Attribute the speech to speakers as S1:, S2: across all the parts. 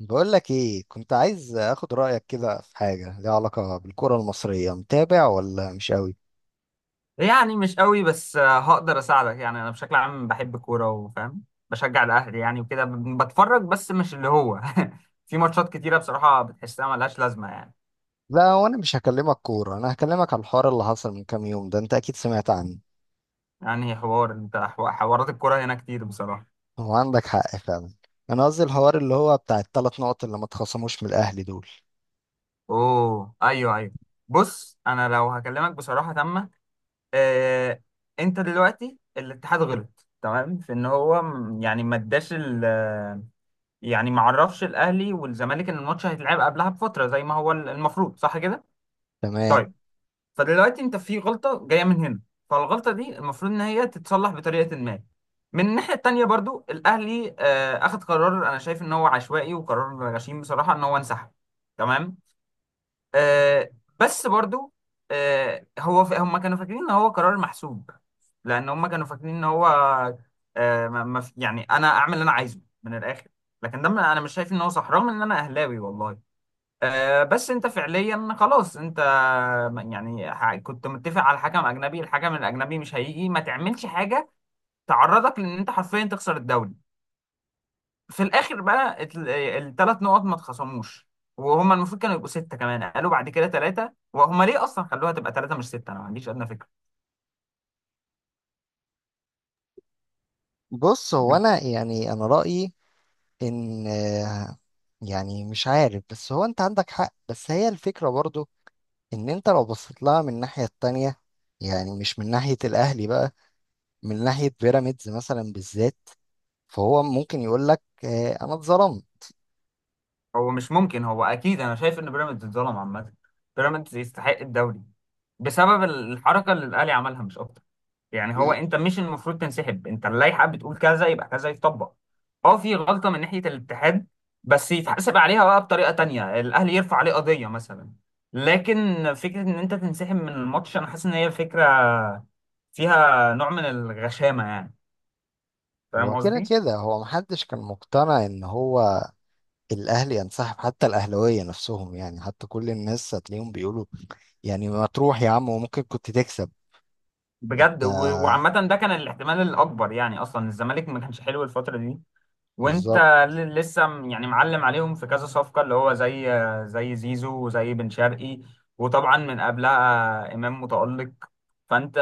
S1: بقول لك ايه، كنت عايز اخد رايك كده في حاجه ليها علاقه بالكره المصريه. متابع ولا مش قوي؟
S2: يعني مش قوي بس هقدر اساعدك. يعني انا بشكل عام بحب الكوره وفاهم، بشجع الاهلي يعني وكده بتفرج، بس مش اللي هو. في ماتشات كتيره بصراحه بتحسها ملهاش لازمه يعني.
S1: لا وانا مش هكلمك كوره، انا هكلمك على الحوار اللي حصل من كام يوم ده. انت اكيد سمعت عنه.
S2: يعني حوار انت حوارات الكوره هنا كتير بصراحه.
S1: هو عندك حق فعلا. انا قصدي الحوار اللي هو بتاع الثلاث نقط اللي ما اتخصموش من الاهلي دول.
S2: اوه، ايوه، ايوه. بص، انا لو هكلمك بصراحه تامه. آه، انت دلوقتي الاتحاد غلط تمام في ان هو يعني ما اداش يعني ما عرفش الاهلي والزمالك ان الماتش هيتلعب قبلها بفتره زي ما هو المفروض، صح كده؟
S1: تمام.
S2: طيب. فدلوقتي انت في غلطه جايه من هنا. فالغلطه دي المفروض ان هي تتصلح بطريقه ما. من الناحيه التانيه برضو الاهلي اخد قرار انا شايف ان هو عشوائي وقرار غشيم بصراحه ان هو انسحب. تمام. آه، بس برضو، هو هم كانوا فاكرين ان هو قرار محسوب. لان هم كانوا فاكرين ان هو، آه، ما- ما في- يعني انا اعمل اللي انا عايزه من الاخر. لكن ده، انا مش شايف ان هو صح رغم ان انا اهلاوي والله. بس انت فعليا خلاص انت، يعني كنت متفق على حكم اجنبي. الحكم الاجنبي مش هيجي، ما تعملش حاجه تعرضك لان انت حرفيا تخسر الدوري في الاخر بقى. الثلاث نقط ما اتخصموش، وهما المفروض كانوا يبقوا 6، كمان قالوا بعد كده 3. وهما ليه اصلا خلوها تبقى 3 مش 6؟ انا ما عنديش ادنى فكره.
S1: بص، هو انا يعني انا رايي ان يعني مش عارف، بس هو انت عندك حق، بس هي الفكره برضو ان انت لو بصيت لها من الناحيه التانية، يعني مش من ناحية الأهلي بقى، من ناحية بيراميدز مثلا بالذات، فهو ممكن يقول لك أنا اتظلمت.
S2: هو مش ممكن، هو اكيد انا شايف ان بيراميدز اتظلم عامه. بيراميدز يستحق الدوري، بسبب الحركه اللي الاهلي عملها مش اكتر. يعني هو
S1: ل-
S2: انت مش المفروض تنسحب، انت اللائحه بتقول كذا يبقى كذا يتطبق. اه، في غلطه من ناحيه الاتحاد، بس يتحاسب عليها بقى بطريقه تانية، الاهلي يرفع عليه قضيه مثلا. لكن فكره ان انت تنسحب من الماتش، انا حاسس ان هي فكره فيها نوع من الغشامه يعني. فاهم
S1: هو كده
S2: قصدي؟
S1: كده هو محدش كان مقتنع إن هو الأهلي ينسحب، حتى الأهلاوية نفسهم، يعني حتى كل الناس هتلاقيهم بيقولوا يعني ما تروح يا عم وممكن كنت تكسب.
S2: بجد.
S1: ده
S2: وعامه ده كان الاحتمال الاكبر، يعني اصلا الزمالك ما كانش حلو الفتره دي. وانت
S1: بالظبط.
S2: لسه يعني معلم عليهم في كذا صفقة اللي هو زي زيزو وزي بن شرقي. وطبعا من قبلها إمام متألق. فانت،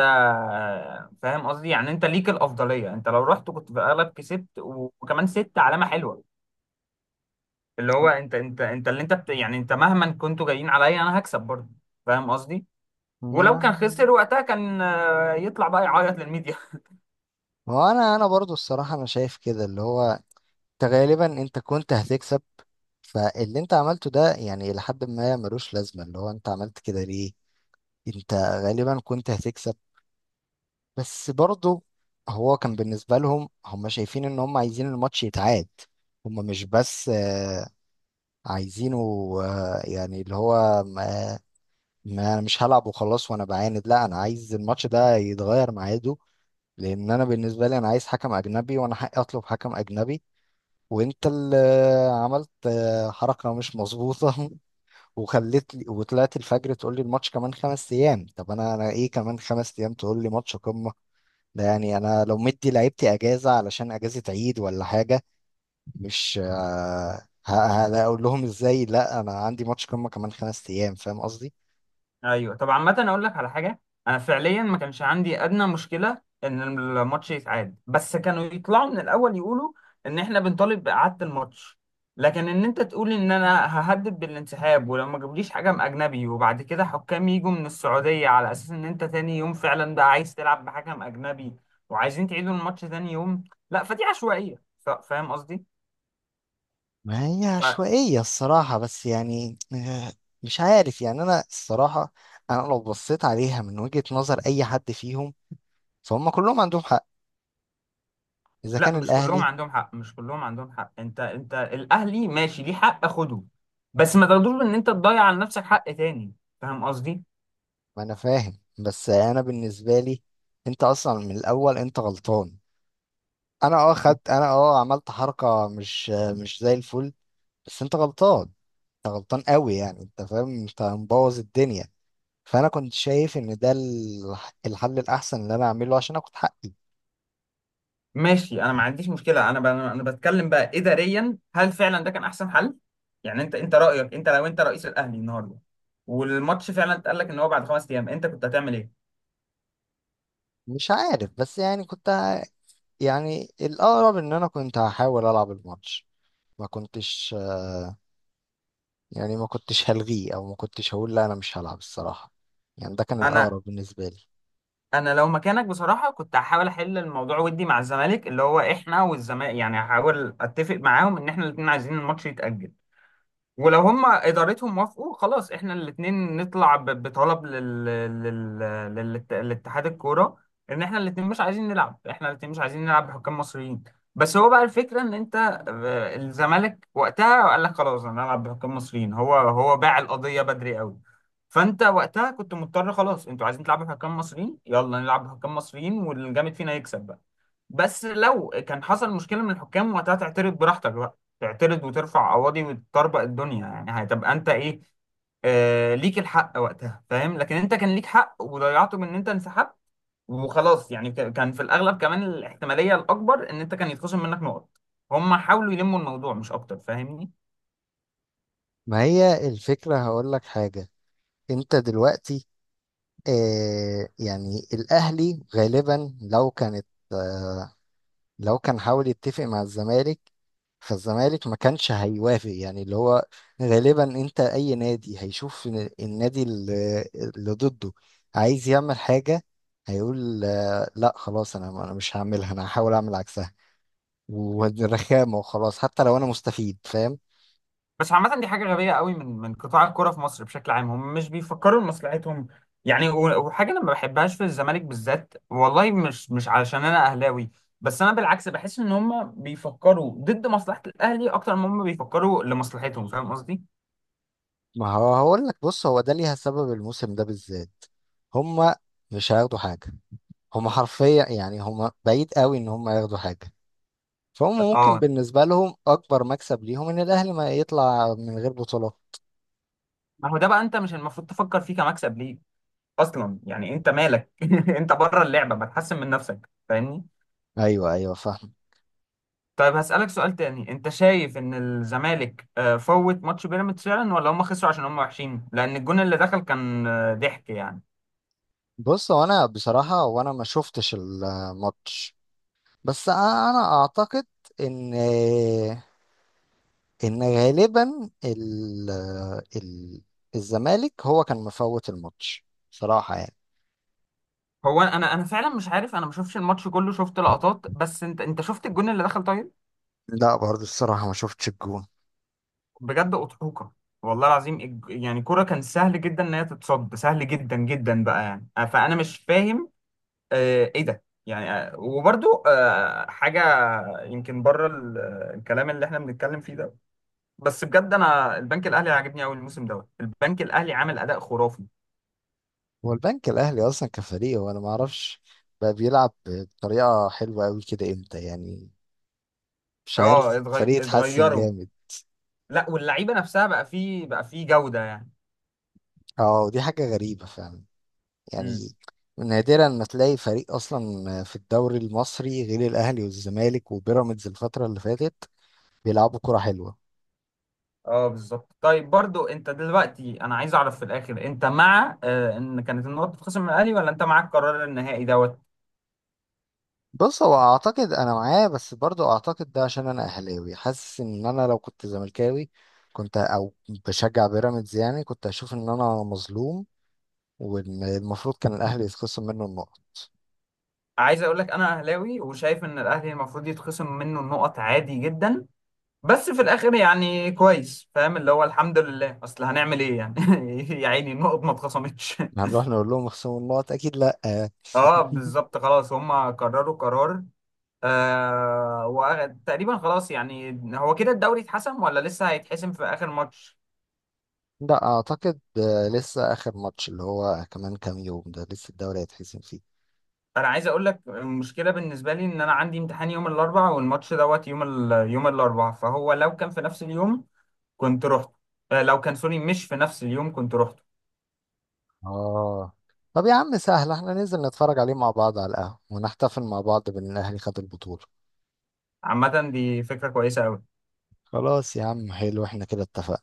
S2: فاهم قصدي؟ يعني انت ليك الأفضلية، انت لو رحت كنت في الأغلب كسبت، وكمان 6 علامة حلوة. اللي هو انت اللي انت بت يعني، انت مهما كنتوا جايين عليا انا هكسب برضه. فاهم قصدي؟ ولو كان خسر
S1: مم.
S2: وقتها كان يطلع بقى يعيط للميديا.
S1: هو أنا أنا برضو الصراحة أنا شايف كده، اللي هو أنت غالبا أنت كنت هتكسب. فاللي انت عملته ده يعني لحد ما ملوش لازمة، اللي هو انت عملت كده ليه؟ انت غالبا كنت هتكسب. بس برضه هو كان بالنسبة لهم، هم شايفين ان هم عايزين الماتش يتعاد. هم مش بس عايزينه يعني اللي هو ما انا مش هلعب وخلاص وانا بعاند. لا انا عايز الماتش ده يتغير ميعاده، لان انا بالنسبة لي انا عايز حكم اجنبي وانا حقي اطلب حكم اجنبي. وانت اللي عملت حركة مش مظبوطة. وخليت وطلعت الفجر تقول لي الماتش كمان خمس ايام. طب انا انا ايه كمان خمس ايام تقول لي ماتش قمة؟ ده يعني انا لو مدي لعيبتي اجازه علشان اجازه عيد ولا حاجه، مش هقول لهم ازاي؟ لا انا عندي ماتش قمه كمان خمس ايام، فاهم قصدي؟
S2: ايوه. طب عامة اقول لك على حاجة. انا فعليا ما كانش عندي ادنى مشكلة ان الماتش يتعاد، بس كانوا يطلعوا من الاول يقولوا ان احنا بنطالب باعادة الماتش. لكن ان انت تقول ان انا ههدد بالانسحاب ولو ما جابوليش حكم اجنبي، وبعد كده حكام يجوا من السعودية، على اساس ان انت تاني يوم فعلا بقى عايز تلعب بحكم اجنبي وعايزين تعيدوا الماتش تاني يوم، لا فدي عشوائية. فاهم قصدي؟
S1: ما هي عشوائيه الصراحه، بس يعني مش عارف، يعني انا الصراحه انا لو بصيت عليها من وجهه نظر اي حد فيهم، فهم كلهم عندهم حق. اذا كان
S2: لا، مش كلهم
S1: الاهلي،
S2: عندهم حق، مش كلهم عندهم حق. انت، الاهلي ماشي ليه حق خده، بس ما تاخدوش ان انت تضيع على نفسك حق تاني. فاهم قصدي؟
S1: ما انا فاهم، بس انا بالنسبه لي انت اصلا من الاول انت غلطان. انا اه خدت، انا اه عملت حركه مش زي الفل، بس انت غلطان. انت غلطان قوي، يعني انت فاهم انت مبوظ الدنيا. فانا كنت شايف ان ده الحل الاحسن اللي انا اعمله عشان اخد حقي.
S2: ماشي، انا ما عنديش مشكله. انا انا بتكلم بقى اداريا، هل فعلا ده كان احسن حل؟ يعني انت رايك، انت لو انت رئيس الاهلي النهارده والماتش فعلا اتقال لك ان هو بعد 5 ايام، انت كنت هتعمل ايه؟
S1: مش عارف، بس يعني يعني الاقرب ان انا كنت هحاول العب الماتش. ما كنتش، يعني ما كنتش هلغيه، او ما كنتش هقول لا انا مش هلعب الصراحة. يعني ده كان
S2: انا،
S1: الاقرب بالنسبة لي.
S2: انا لو مكانك بصراحه كنت هحاول احل الموضوع ودي مع الزمالك، اللي هو احنا والزمالك يعني هحاول اتفق معاهم ان احنا الاثنين عايزين الماتش يتاجل. ولو هم ادارتهم وافقوا خلاص، احنا الاثنين نطلع بطلب لل... لاتحاد الكوره ان احنا الاثنين مش عايزين نلعب بحكام مصريين. بس هو بقى الفكره ان انت، الزمالك وقتها قال لك خلاص انا هلعب بحكام مصريين. هو باع القضيه بدري قوي. فانت وقتها كنت مضطر، خلاص انتوا عايزين تلعبوا بحكام مصريين، يلا نلعب بحكام مصريين والجامد فينا يكسب. بس لو كان حصل مشكله من الحكام وقتها، تعترض براحتك بقى، تعترض وترفع قواضي وتطربق الدنيا، يعني هتبقى انت ايه. آه، ليك الحق وقتها، فاهم؟ لكن انت كان ليك حق وضيعته من ان انت انسحبت وخلاص، يعني كان في الاغلب كمان الاحتماليه الاكبر ان انت كان يتخصم منك نقط. هم حاولوا يلموا الموضوع مش اكتر، فاهمني؟
S1: ما هي الفكرة، هقول لك حاجة. انت دلوقتي، آه يعني الاهلي غالبا لو كانت، لو كان حاول يتفق مع الزمالك، فالزمالك ما كانش هيوافق، يعني اللي هو غالبا انت اي نادي هيشوف إن النادي اللي ضده عايز يعمل حاجة، هيقول لا خلاص انا مش هعملها، انا هحاول اعمل عكسها والرخامة وخلاص، حتى لو انا مستفيد، فاهم؟
S2: بس عامة دي حاجة غبية قوي من قطاع الكرة في مصر بشكل عام، هم مش بيفكروا لمصلحتهم. يعني وحاجة أنا ما بحبهاش في الزمالك بالذات والله، مش علشان أنا أهلاوي. بس أنا بالعكس بحس إن هم بيفكروا ضد مصلحة الأهلي أكتر ما هم بيفكروا لمصلحتهم، فاهم قصدي؟
S1: ما هو هقول لك، بص هو ده ليها سبب الموسم ده بالذات. هما مش هياخدوا حاجة. هما حرفيا يعني هما بعيد قوي ان هما ياخدوا حاجة. فهم ممكن
S2: أه.
S1: بالنسبة لهم أكبر مكسب ليهم إن الأهلي ما يطلع من غير بطولة.
S2: ما هو ده بقى أنت مش المفروض تفكر فيه كمكسب ليه أصلا. يعني أنت مالك، أنت بره اللعبة بتحسن من نفسك، فاهمني؟
S1: أيوه أيوه، فاهم.
S2: طيب، هسألك سؤال تاني. انت شايف ان الزمالك فوت ماتش بيراميدز فعلا، ولا هم خسروا عشان هم وحشين؟ لان الجون اللي دخل كان ضحك يعني.
S1: بص، هو أنا بصراحة وأنا ما شفتش الماتش، بس أنا أعتقد إن، إن غالبا ال... الزمالك هو كان مفوت الماتش صراحة يعني.
S2: هو انا فعلا مش عارف، انا ما شفتش الماتش كله، شفت لقطات بس. انت شفت الجون اللي دخل، طيب؟
S1: لا برضه الصراحة ما شفتش الجون.
S2: بجد اضحوكه. والله العظيم، يعني كرة كان سهل جدا ان هي تتصد، سهل جدا جدا بقى يعني. فانا مش فاهم ايه ده يعني. وبرضو حاجة يمكن بره الكلام اللي احنا بنتكلم فيه ده. بس بجد، انا البنك الاهلي عاجبني قوي الموسم دوت. البنك الاهلي عامل اداء خرافي.
S1: هو البنك الأهلي أصلا كفريق، وأنا ما أعرفش بقى بيلعب بطريقة حلوة أوي كده إمتى يعني؟ مش
S2: اه،
S1: عارف، فريق اتحسن
S2: اتغيروا.
S1: جامد.
S2: لا، واللعيبه نفسها بقى فيه جوده يعني.
S1: اه دي حاجة غريبة فعلا
S2: امم.
S1: يعني. نادرا ما تلاقي فريق اصلا في الدوري المصري غير الاهلي والزمالك وبيراميدز الفترة اللي فاتت بيلعبوا كرة حلوة.
S2: اه، بالظبط. طيب، برضو انت دلوقتي انا عايز اعرف في الاخر، انت مع ان كانت النقط تتخصم من الاهلي، ولا انت معاك قرار النهائي دوت؟
S1: بص هو اعتقد انا معاه، بس برضو اعتقد ده عشان انا اهلاوي، حاسس ان انا لو كنت زملكاوي كنت او بشجع بيراميدز يعني كنت اشوف ان انا مظلوم، وان المفروض كان الاهلي يتخصم منه النقط.
S2: عايز اقول لك، انا اهلاوي وشايف ان الاهلي المفروض يتخصم منه النقط عادي جدا. بس في الاخر يعني كويس، فاهم اللي هو الحمد لله. اصل هنعمل ايه يعني؟ يا عيني، النقط ما اتخصمتش.
S1: هنروح نقول لهم اخصموا النقط؟ اكيد لا.
S2: اه بالظبط، خلاص هم قرروا قرار. وتقريبا خلاص يعني، هو كده الدوري اتحسم، ولا لسه هيتحسم في اخر ماتش؟
S1: لا اعتقد لسه اخر ماتش اللي هو كمان كام يوم ده لسه الدوري هيتحسم فيه.
S2: انا عايز اقول لك، المشكله بالنسبه لي ان انا عندي امتحان يوم الاربعاء، والماتش دوت يوم الاربعاء. فهو لو كان في نفس اليوم كنت رحت. لو كان، سوري، مش في نفس اليوم كنت رحت.
S1: اه. طب يا عم سهل، احنا ننزل نتفرج عليه مع بعض على القهوة ونحتفل مع بعض بان الاهلي خد البطولة.
S2: عامه دي فكره كويسه قوي.
S1: خلاص يا عم، حلو، احنا كده اتفقنا.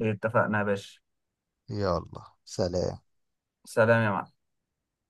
S2: اتفقنا يا باشا.
S1: يلا سلام.
S2: سلام يا معلم.